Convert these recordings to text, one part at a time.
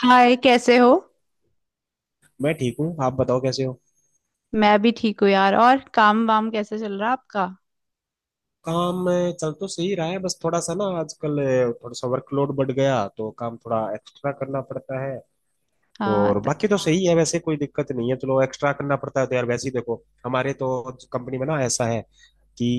हाय, कैसे हो। मैं ठीक हूँ। आप बताओ कैसे हो। मैं भी ठीक हूँ यार। और काम वाम कैसे चल रहा आपका। काम चल तो सही रहा है बस थोड़ा सा ना आजकल थोड़ा सा वर्कलोड बढ़ गया तो काम थोड़ा एक्स्ट्रा करना पड़ता है। तो हाँ, और बाकी तो सही है वैसे कोई दिक्कत नहीं है। चलो एक्स्ट्रा करना पड़ता है तो यार वैसे ही देखो। हमारे तो कंपनी में ना ऐसा है कि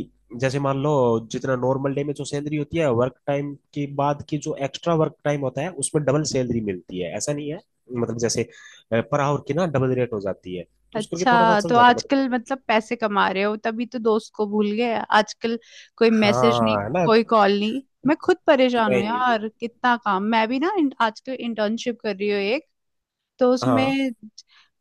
जैसे मान लो जितना नॉर्मल डे में जो सैलरी होती है वर्क टाइम के बाद की जो एक्स्ट्रा वर्क टाइम होता है उसमें डबल सैलरी मिलती है ऐसा नहीं है। मतलब जैसे पर आवर की ना डबल रेट हो जाती है तो उसको करके थोड़ा सा अच्छा चल तो जाता है आजकल मतलब। मतलब पैसे कमा रहे हो, तभी तो दोस्त को भूल गए आजकल। कोई मैसेज नहीं। हाँ है ना। कोई कॉल नहीं। मैं खुद परेशान हूँ नहीं। यार, कितना काम। मैं भी ना आजकल इंटर्नशिप कर रही हूँ एक, तो हाँ। उसमें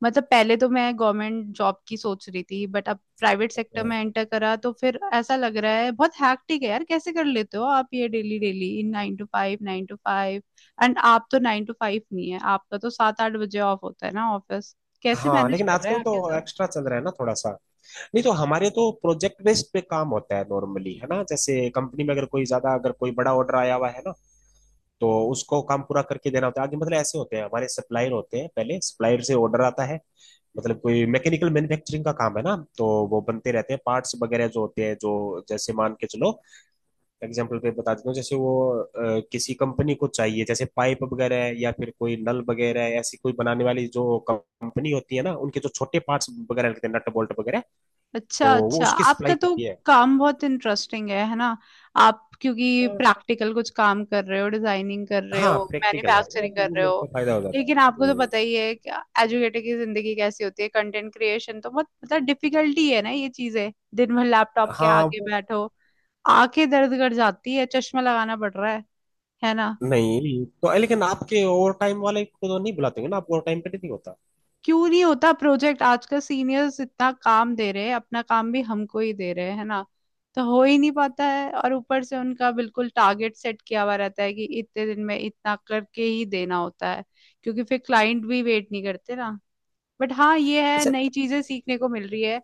मतलब पहले तो मैं गवर्नमेंट जॉब की सोच रही थी बट अब प्राइवेट सेक्टर में हाँ। एंटर करा, तो फिर ऐसा लग रहा है बहुत हैक्टिक है यार। कैसे कर लेते हो आप ये daily daily 9 to 5, 9 to 5। And आप तो 9 to 5 नहीं है, आपका तो 7-8 बजे ऑफ होता है ना ऑफिस। कैसे हाँ, मैनेज लेकिन कर रहे हैं आजकल आप ये तो सब। एक्स्ट्रा चल रहा है ना थोड़ा सा। नहीं तो हमारे तो प्रोजेक्ट बेस्ड पे काम होता है नॉर्मली है ना, जैसे कंपनी में अगर कोई ज्यादा अगर कोई बड़ा ऑर्डर आया हुआ है ना तो उसको काम पूरा करके देना होता है आगे। मतलब ऐसे होते हैं हमारे सप्लायर होते हैं, पहले सप्लायर से ऑर्डर आता है। मतलब कोई मैकेनिकल मैन्युफैक्चरिंग का काम है ना तो वो बनते रहते हैं पार्ट्स वगैरह जो होते हैं, जो जैसे मान के चलो एग्जाम्पल पे बता देता हूँ, जैसे वो किसी कंपनी को चाहिए जैसे पाइप वगैरह है या फिर कोई नल वगैरह है, ऐसी कोई बनाने वाली जो कंपनी होती है ना उनके जो छोटे पार्ट्स वगैरह लगते हैं नट बोल्ट वगैरह, तो अच्छा वो अच्छा, उसकी आपका सप्लाई तो करती है। काम बहुत इंटरेस्टिंग है ना। आप क्योंकि अ, प्रैक्टिकल कुछ काम कर रहे हो, डिजाइनिंग कर रहे हाँ हो, प्रैक्टिकल है, वो मैन्युफैक्चरिंग कर वो रहे मेरे को हो। फायदा हो जाता है। लेकिन आपको तो पता ही है कि एजुकेटर की जिंदगी कैसी होती है। कंटेंट क्रिएशन तो बहुत मतलब डिफिकल्टी है ना, ये चीजें। दिन भर लैपटॉप के हाँ आगे वो। बैठो, आंखें दर्द कर जाती है, चश्मा लगाना पड़ रहा है ना। नहीं तो लेकिन आपके ओवर टाइम वाले को तो नहीं बुलाते होंगे ना, आप ओवर टाइम पे नहीं होता। क्यों नहीं होता प्रोजेक्ट, आजकल सीनियर्स इतना काम दे रहे हैं, अपना काम भी हमको ही दे रहे हैं, है ना। तो हो ही नहीं पाता है, और ऊपर से उनका बिल्कुल टारगेट सेट किया हुआ रहता है कि इतने दिन में इतना करके ही देना होता है, क्योंकि फिर क्लाइंट भी वेट नहीं करते ना। बट हाँ, ये है, अच्छा नई चीजें सीखने को मिल रही है,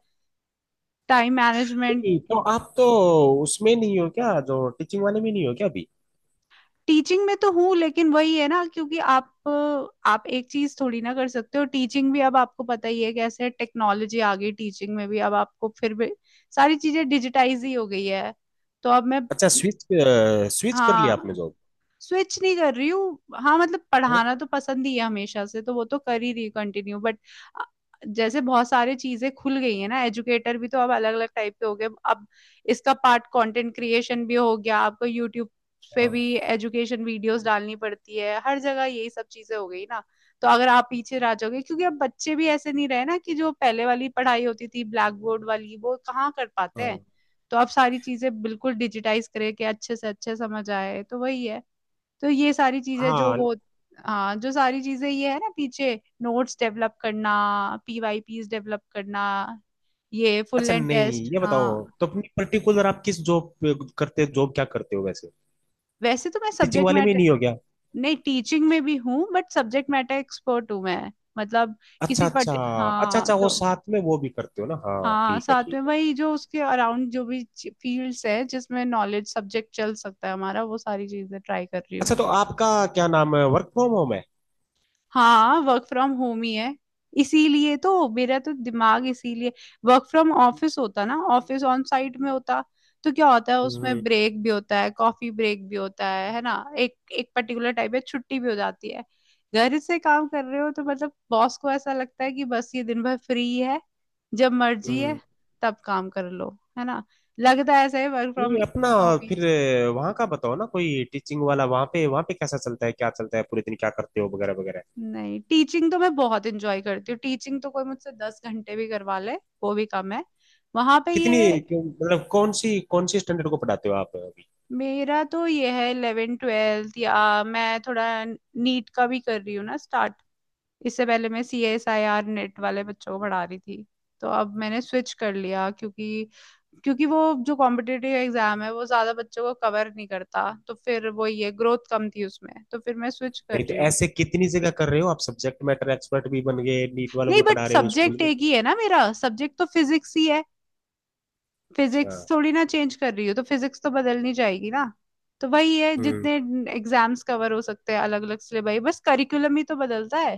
टाइम मैनेजमेंट। नहीं तो आप तो उसमें नहीं हो क्या, जो टीचिंग वाले में नहीं हो क्या अभी। टीचिंग में तो हूँ लेकिन वही है ना, क्योंकि आप एक चीज थोड़ी ना कर सकते हो। टीचिंग भी अब आपको पता ही है कैसे टेक्नोलॉजी आ गई टीचिंग में भी, अब आपको फिर भी सारी चीजें डिजिटाइज ही हो गई है। तो अब मैं, अच्छा स्विच स्विच कर लिया आपने हाँ। जॉब। स्विच नहीं कर रही हूँ, हाँ, मतलब पढ़ाना तो पसंद ही है हमेशा से, तो वो तो कर ही रही हूँ कंटिन्यू, बट जैसे बहुत सारी चीजें खुल गई है ना, एजुकेटर भी तो अब अलग अलग टाइप के हो गए अब। इसका पार्ट कंटेंट क्रिएशन भी हो गया, आपको यूट्यूब पे हाँ। भी एजुकेशन वीडियोस डालनी पड़ती है, हर जगह यही सब चीजें हो गई ना। तो अगर आप पीछे रह जाओगे, क्योंकि अब बच्चे भी ऐसे नहीं रहे ना कि जो पहले वाली पढ़ाई होती थी ब्लैक बोर्ड वाली, वो कहाँ कर पाते हैं। हाँ। तो अब सारी चीजें बिल्कुल डिजिटाइज करके अच्छे से अच्छे समझ आए, तो वही है। तो ये सारी चीजें जो हाँ। वो, हाँ, जो सारी चीजें ये है ना, पीछे नोट्स डेवलप करना, पीवाईपीस डेवलप करना, ये फुल अच्छा एंड नहीं टेस्ट, ये बताओ, हाँ। तो अपनी पर्टिकुलर आप किस जॉब करते, जॉब क्या करते हो वैसे। वैसे तो मैं टीचिंग सब्जेक्ट वाले में ही मैटर, नहीं हो गया। नहीं टीचिंग में भी हूँ बट सब्जेक्ट मैटर एक्सपर्ट हूँ मैं, मतलब अच्छा किसी अच्छा। पट, अच्छा अच्छा हाँ वो तो, साथ में वो भी करते हो ना। हाँ हाँ ठीक है साथ ठीक में है। वही जो उसके अराउंड जो भी फील्ड्स है जिसमें नॉलेज सब्जेक्ट चल सकता है हमारा, वो सारी चीजें ट्राई कर रही हूँ। अच्छा तो आपका क्या नाम है, वर्क फ्रॉम होम है। हाँ वर्क फ्रॉम होम ही है, इसीलिए तो मेरा तो दिमाग, इसीलिए, वर्क फ्रॉम ऑफिस होता ना, ऑफिस ऑन साइट में होता तो क्या होता है हम्म। उसमें ब्रेक भी होता है, कॉफी ब्रेक भी होता है ना। एक एक पर्टिकुलर टाइप है, छुट्टी भी हो जाती है। घर से काम कर रहे हो तो मतलब बॉस को ऐसा लगता है कि बस ये दिन भर फ्री है, जब मर्जी है हम्म। तब काम कर लो, है ना, लगता है ऐसे वर्क फ्रॉम नहीं अपना होम। फिर वहाँ का बताओ ना, कोई टीचिंग वाला वहाँ पे, वहाँ पे कैसा चलता है क्या चलता है, पूरे दिन क्या करते हो वगैरह वगैरह। नहीं टीचिंग तो मैं बहुत इंजॉय करती हूँ, टीचिंग तो कोई मुझसे 10 घंटे भी करवा ले वो भी कम है, वहां पे कितनी ये। मतलब कौन सी स्टैंडर्ड को पढ़ाते हो आप अभी। मेरा तो ये है 11 12, या मैं थोड़ा नीट का भी कर रही हूँ ना स्टार्ट। इससे पहले मैं CSIR नेट वाले बच्चों को पढ़ा रही थी। तो अब मैंने स्विच कर लिया, क्योंकि क्योंकि वो जो कॉम्पिटिटिव एग्जाम है वो ज्यादा बच्चों को कवर नहीं करता, तो फिर वो ये ग्रोथ कम थी उसमें, तो फिर मैं स्विच कर नहीं तो रही हूँ। ऐसे कितनी जगह कर रहे हो आप, सब्जेक्ट मैटर एक्सपर्ट भी बन गए, नीट वालों नहीं को बट पढ़ा रहे हो, स्कूल सब्जेक्ट में। एक ही है ना, मेरा सब्जेक्ट तो फिजिक्स ही है, अच्छा। फिजिक्स थोड़ी ना चेंज कर रही हो, तो फिजिक्स तो बदलनी जाएगी ना। तो वही है, हम्म। जितने एग्जाम्स कवर हो सकते हैं अलग अलग से भाई, बस करिकुलम ही तो बदलता है,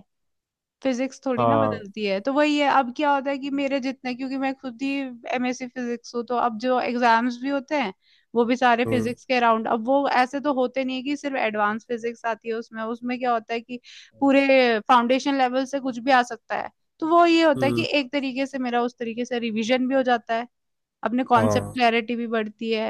फिजिक्स थोड़ी ना हाँ। बदलती है, तो वही है। अब क्या होता है कि मेरे जितने, क्योंकि मैं खुद ही MSc फिजिक्स हूँ, तो अब जो एग्जाम्स भी होते हैं वो भी सारे हम्म। फिजिक्स के अराउंड, अब वो ऐसे तो होते नहीं है कि सिर्फ एडवांस फिजिक्स आती है उसमें, उसमें क्या होता है कि पूरे फाउंडेशन लेवल से कुछ भी आ सकता है। तो वो ये होता है कि हम्म। एक तरीके से मेरा उस तरीके से रिवीजन भी हो जाता है, अपने कॉन्सेप्ट हाँ। क्लैरिटी भी बढ़ती है,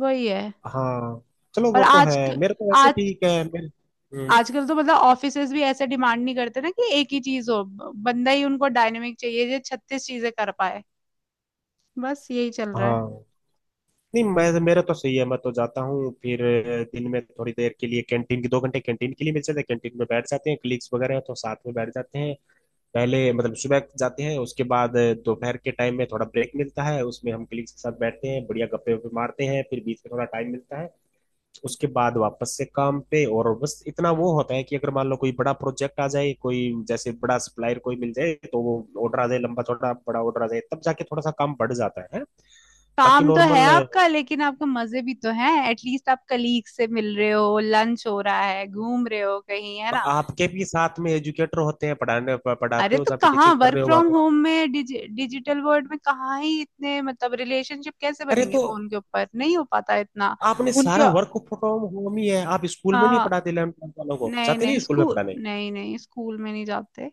वही है। हाँ। चलो और वो तो आज है, मेरा तो वैसे आज ठीक है मेरे। हम्म। आजकल तो मतलब ऑफिसेज भी ऐसे डिमांड नहीं करते ना कि एक ही चीज हो, बंदा ही उनको डायनेमिक चाहिए जो छत्तीस चीजें कर पाए, बस यही चल रहा है। हाँ। नहीं मैं मेरा तो सही है। मैं तो जाता हूँ फिर दिन में थोड़ी देर के लिए कैंटीन की, 2 घंटे कैंटीन के लिए मिल जाते हैं, कैंटीन में बैठ जाते हैं, क्लिक्स वगैरह हैं तो साथ में बैठ जाते हैं। पहले मतलब सुबह जाते हैं, उसके बाद दोपहर के टाइम में थोड़ा ब्रेक मिलता है उसमें हम कलीग्स के साथ बैठते हैं, बढ़िया गप्पे वप्पे मारते हैं, फिर बीच में थोड़ा टाइम मिलता है उसके बाद वापस से काम पे। और बस इतना वो होता है कि अगर मान लो कोई बड़ा प्रोजेक्ट आ जाए, कोई जैसे बड़ा सप्लायर कोई मिल जाए तो वो ऑर्डर आ जाए, लंबा चौड़ा बड़ा ऑर्डर आ जाए, तब जाके थोड़ा सा काम बढ़ जाता है। बाकी काम तो है नॉर्मल। आपका, लेकिन आपके मजे भी तो हैं, एटलीस्ट आप कलीग से मिल रहे हो, लंच हो रहा है, घूम रहे हो कहीं, है ना। आपके भी साथ में एजुकेटर होते हैं पढ़ाने, पढ़ाते अरे हो तो जहाँ पे कहाँ, टीचिंग कर वर्क रहे हो वहां फ्रॉम पे। होम में डिजिटल वर्ल्ड में कहाँ ही इतने मतलब रिलेशनशिप कैसे अरे बनेंगे, तो फोन के ऊपर नहीं हो पाता इतना। आपने उनके, सारा वर्क फ्रॉम होम ही है, आप स्कूल में नहीं हाँ, पढ़ाते इलेवन ट्वेल्थ वालों को, नहीं जाते नहीं नहीं स्कूल में स्कूल, पढ़ाने। नहीं नहीं स्कूल में नहीं जाते।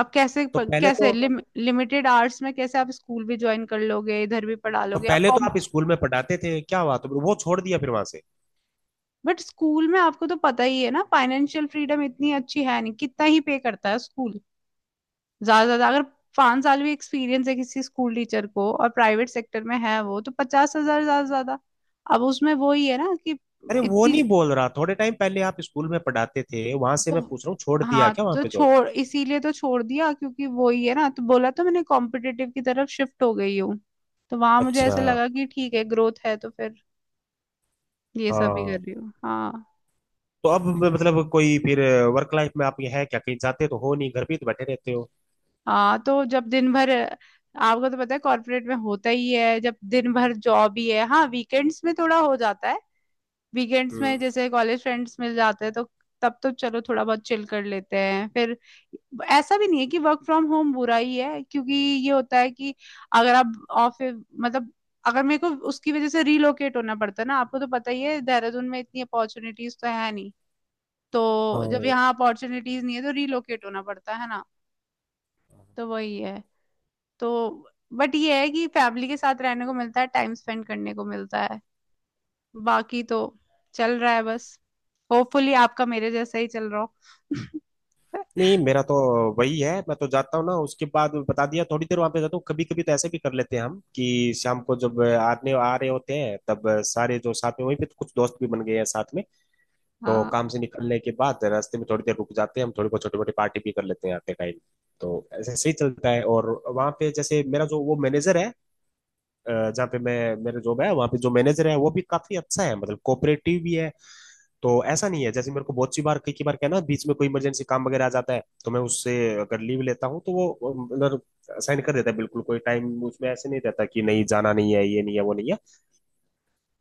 अब कैसे तो पहले कैसे तो लिमिटेड आवर्स में कैसे आप स्कूल भी ज्वाइन कर लोगे, इधर भी पढ़ा लोगे आप कॉम। आप स्कूल में पढ़ाते थे, क्या हुआ, तो वो छोड़ दिया फिर वहां से। बट स्कूल में आपको तो पता ही है ना, फाइनेंशियल फ्रीडम इतनी अच्छी है नहीं, कितना ही पे करता है स्कूल, ज्यादा से ज्यादा अगर 5 साल भी एक्सपीरियंस है किसी स्कूल टीचर को और प्राइवेट सेक्टर में है वो, तो 50,000 ज्यादा से ज्यादा। अब उसमें वो ही है ना कि अरे वो इतनी नहीं बोल रहा, थोड़े टाइम पहले आप स्कूल में पढ़ाते थे वहां से मैं तो- पूछ रहा हूँ, छोड़ दिया हाँ क्या वहां तो पे जॉब। छोड़, इसीलिए तो छोड़ दिया, क्योंकि वो ही है ना, तो बोला तो मैंने कॉम्पिटिटिव की तरफ शिफ्ट हो गई हूँ। तो वहां मुझे अच्छा। ऐसा लगा कि ठीक है ग्रोथ है, तो फिर ये सब ही कर हाँ रही हूँ, हाँ। तो अब मतलब कोई फिर वर्क लाइफ में आप, ये है क्या, कहीं जाते तो हो नहीं घर पे ही तो बैठे रहते हो। हाँ तो जब दिन भर, आपको तो पता है कॉर्पोरेट में होता ही है, जब दिन भर जॉब ही है, हाँ वीकेंड्स में थोड़ा हो जाता है, वीकेंड्स में हम्म। जैसे कॉलेज फ्रेंड्स मिल जाते हैं तो तब तो चलो थोड़ा बहुत चिल कर लेते हैं फिर। ऐसा भी नहीं है कि वर्क फ्रॉम होम बुरा ही है, क्योंकि ये होता है कि अगर आप ऑफिस, मतलब अगर मेरे को उसकी वजह से रीलोकेट होना पड़ता है ना, आपको तो पता ही है देहरादून में इतनी अपॉर्चुनिटीज तो है नहीं, तो जब हाँ। यहाँ अपॉर्चुनिटीज नहीं है तो रीलोकेट होना पड़ता है ना, तो वही है तो। बट ये है कि फैमिली के साथ रहने को मिलता है, टाइम स्पेंड करने को मिलता है, बाकी तो चल रहा है बस, होपफुली आपका मेरे जैसा ही चल रहा हो। नहीं मेरा तो वही है, मैं तो जाता हूँ ना उसके बाद बता दिया, थोड़ी देर वहां पे जाता हूँ, कभी कभी तो ऐसे भी कर लेते हैं हम कि शाम को जब आने आ रहे होते हैं तब सारे जो साथ में वहीं पे, तो कुछ दोस्त भी बन गए हैं साथ में, तो हाँ काम से निकलने के बाद रास्ते में थोड़ी देर रुक जाते हैं हम, थोड़ी बहुत छोटी मोटी पार्टी भी कर लेते हैं आते टाइम। तो ऐसे सही चलता है। और वहां पे जैसे मेरा जो वो मैनेजर है, जहाँ पे मैं, मेरा जॉब है वहाँ पे जो मैनेजर है वो भी काफी अच्छा है, मतलब कोऑपरेटिव भी है। तो ऐसा नहीं है, जैसे मेरे को बहुत सी बार कई कई बार कहना, बीच में कोई इमरजेंसी काम वगैरह आ जाता है तो मैं उससे अगर लीव लेता हूँ तो वो मतलब साइन कर देता है बिल्कुल, कोई टाइम उसमें ऐसे नहीं रहता कि नहीं जाना नहीं है, ये नहीं है वो नहीं है।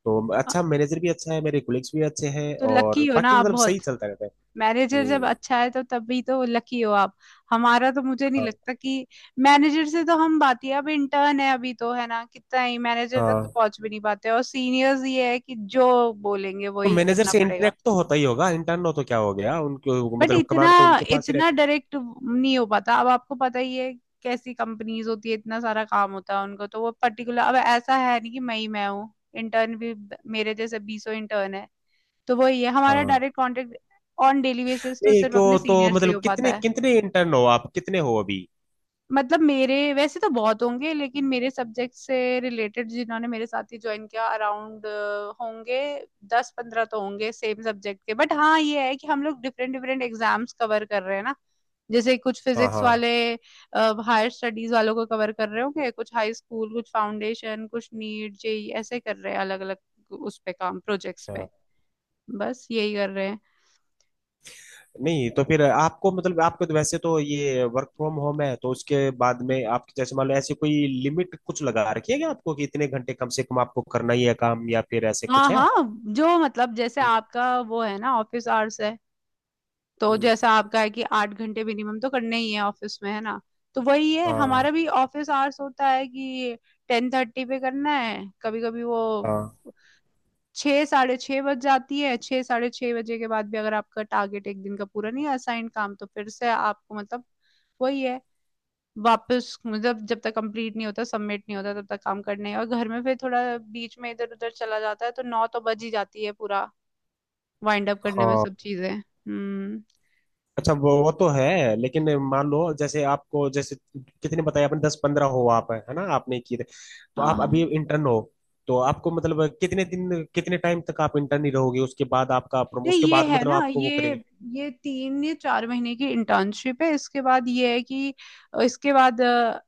तो हाँ, अच्छा, मैनेजर भी अच्छा है, मेरे कोलिग्स भी अच्छे हैं तो और लकी हो ना बाकी आप मतलब सही बहुत, चलता रहता है। मैनेजर जब हम्म। अच्छा है तो तभी तो लकी हो आप। हमारा तो मुझे नहीं हाँ। लगता कि मैनेजर से तो हम बात ही, अब इंटर्न है अभी तो है ना, कितना ही मैनेजर तक तो हाँ पहुंच भी नहीं पाते, और सीनियर्स ये है कि जो बोलेंगे तो वही मैनेजर करना से पड़ेगा। इंटरेक्ट तो होता ही होगा, इंटर्न हो तो क्या हो गया, उनके बट मतलब इतना कमांड तो उनके पास ही इतना रहती है। डायरेक्ट नहीं हो पाता, अब आपको पता ही है कैसी कंपनीज होती है, इतना सारा काम होता है उनको तो वो पर्टिकुलर, अब ऐसा है नहीं कि मैं ही मैं हूँ, इंटर्न भी मेरे जैसे बीसों इंटर्न है। तो वही है, हमारा हाँ। Direct contact on daily basis तो नहीं सिर्फ अपने क्यों, तो सीनियर से मतलब हो कितने पाता है। कितने इंटर्न हो आप, कितने हो अभी। मतलब मेरे वैसे तो बहुत होंगे, लेकिन मेरे सब्जेक्ट से रिलेटेड जिन्होंने मेरे साथ ही ज्वाइन किया अराउंड होंगे, 10-15 तो होंगे सेम सब्जेक्ट के। बट हाँ ये है कि हम लोग डिफरेंट डिफरेंट एग्जाम्स कवर कर रहे हैं ना, जैसे कुछ हाँ। फिजिक्स हाँ। वाले हायर स्टडीज वालों को कवर कर रहे होंगे, कुछ हाई स्कूल, कुछ फाउंडेशन, कुछ नीट जेई, ऐसे कर रहे हैं अलग अलग उस पे काम, प्रोजेक्ट्स अच्छा पे, बस यही कर रहे हैं। नहीं तो फिर आपको मतलब, आपको तो वैसे तो ये वर्क फ्रॉम होम है, तो उसके बाद में आप जैसे मान लो ऐसे कोई लिमिट कुछ लगा रखी है क्या आपको कि इतने घंटे कम से कम आपको करना ही है काम, या फिर ऐसे हाँ कुछ है। हाँ, जो मतलब जैसे आपका वो है ना ऑफिस आवर्स है, तो हम्म, जैसा आपका है कि 8 घंटे मिनिमम तो करने ही है ऑफिस में, है ना, तो वही है हाँ हमारा भी ऑफिस आवर्स होता है कि 10:30 पे करना है। कभी कभी वो हाँ 6 साढ़े 6 बज जाती है, 6 साढ़े 6 बजे के बाद भी अगर आपका टारगेट एक दिन का पूरा नहीं असाइन काम, तो फिर से आपको मतलब वही है, वापस मतलब जब तक कंप्लीट नहीं होता, सबमिट नहीं होता, तब तक काम करने हैं। और घर में फिर थोड़ा बीच में इधर उधर चला जाता है तो 9 तो बज ही जाती है पूरा वाइंड अप करने में सब हाँ। चीजें, हम्म। अच्छा वो तो है, लेकिन मान लो जैसे आपको, जैसे कितने बताए आपने 10-15 हो आप, है ना, आपने किए थे। तो हाँ आप हाँ। अभी इंटर्न हो, तो आपको मतलब कितने दिन कितने टाइम तक आप इंटर्न ही रहोगे, उसके बाद आपका नहीं उसके ये बाद है मतलब ना, आपको वो ये करेंगे। ये 3 या 4 महीने की इंटर्नशिप है। इसके बाद ये है कि इसके बाद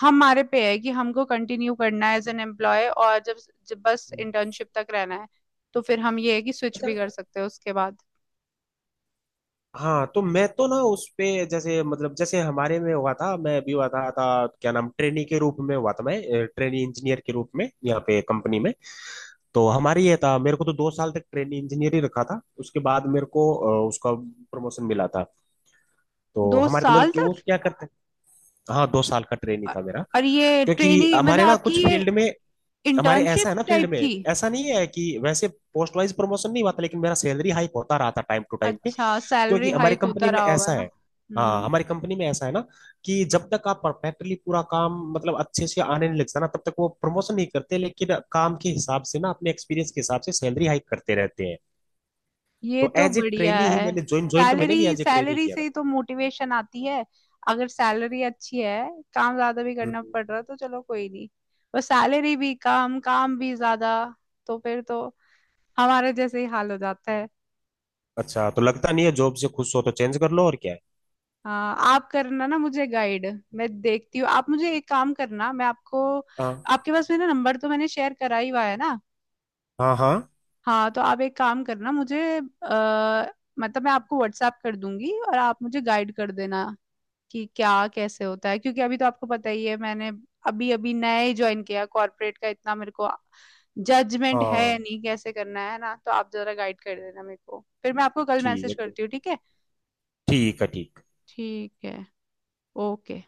हमारे पे है कि हमको कंटिन्यू करना है एज एन एम्प्लॉय और जब बस इंटर्नशिप तक रहना है तो फिर हम ये है कि स्विच भी कर सकते हैं उसके बाद। हाँ तो मैं तो ना उस पे जैसे मतलब जैसे हमारे में हुआ था, मैं भी हुआ था क्या नाम, ट्रेनी के रूप में हुआ था, मैं ट्रेनी इंजीनियर के रूप में यहाँ पे कंपनी में। तो हमारी ये था मेरे को तो 2 साल तक ट्रेनी इंजीनियर ही रखा था, उसके बाद मेरे को उसका प्रमोशन मिला था। तो दो हमारे तो मतलब साल कि वो तक, क्या करते हैं, हाँ 2 साल का ट्रेनी अ- था मेरा। और ये क्योंकि ट्रेनी मतलब हमारे ना कुछ आपकी ये फील्ड में, हमारे ऐसा इंटर्नशिप है ना फील्ड टाइप में, थी। ऐसा नहीं है कि वैसे पोस्ट वाइज प्रमोशन नहीं हुआ था, लेकिन मेरा सैलरी हाइक होता रहा था टाइम टू टाइम पे अच्छा, सैलरी क्योंकि हमारी हाइक कंपनी होता में रहा होगा ऐसा ना, है। हाँ हम्म। हमारी कंपनी में ऐसा है ना कि जब तक आप परफेक्टली पूरा काम मतलब अच्छे से आने नहीं लगता ना तब तक वो प्रमोशन नहीं करते, लेकिन काम के हिसाब से ना अपने एक्सपीरियंस के हिसाब से सैलरी हाइक करते रहते हैं। ये तो तो एज ए बढ़िया ट्रेनी ही है, मैंने ज्वाइन, ज्वाइन तो मैंने भी salary as a trainee salary किया से था। ही तो मोटिवेशन आती है, अगर सैलरी अच्छी है काम ज्यादा भी करना हम्म। पड़ रहा तो चलो कोई नहीं, पर सैलरी भी कम काम भी ज्यादा, तो फिर तो हमारे जैसे ही हाल हो जाता है। अच्छा तो लगता नहीं है जॉब से खुश हो तो चेंज कर लो, और क्या है। हाँ, आप करना ना मुझे गाइड, मैं देखती हूँ, आप मुझे एक काम करना, मैं आपको, हाँ। आपके पास मेरा नंबर तो मैंने शेयर करा ही हुआ है ना। हाँ। हाँ। हाँ तो आप एक काम करना, मुझे मतलब मैं आपको व्हाट्सएप कर दूंगी और आप मुझे गाइड कर देना कि क्या कैसे होता है, क्योंकि अभी तो आपको पता ही है मैंने अभी अभी नया ही ज्वाइन किया कॉर्पोरेट का, इतना मेरे को जजमेंट है हाँ नहीं कैसे करना है ना, तो आप जरा गाइड कर देना मेरे को, फिर मैं आपको कल ठीक मैसेज है ठीक करती हूँ, ठीक है। है ठीक है। ठीक है। ओके।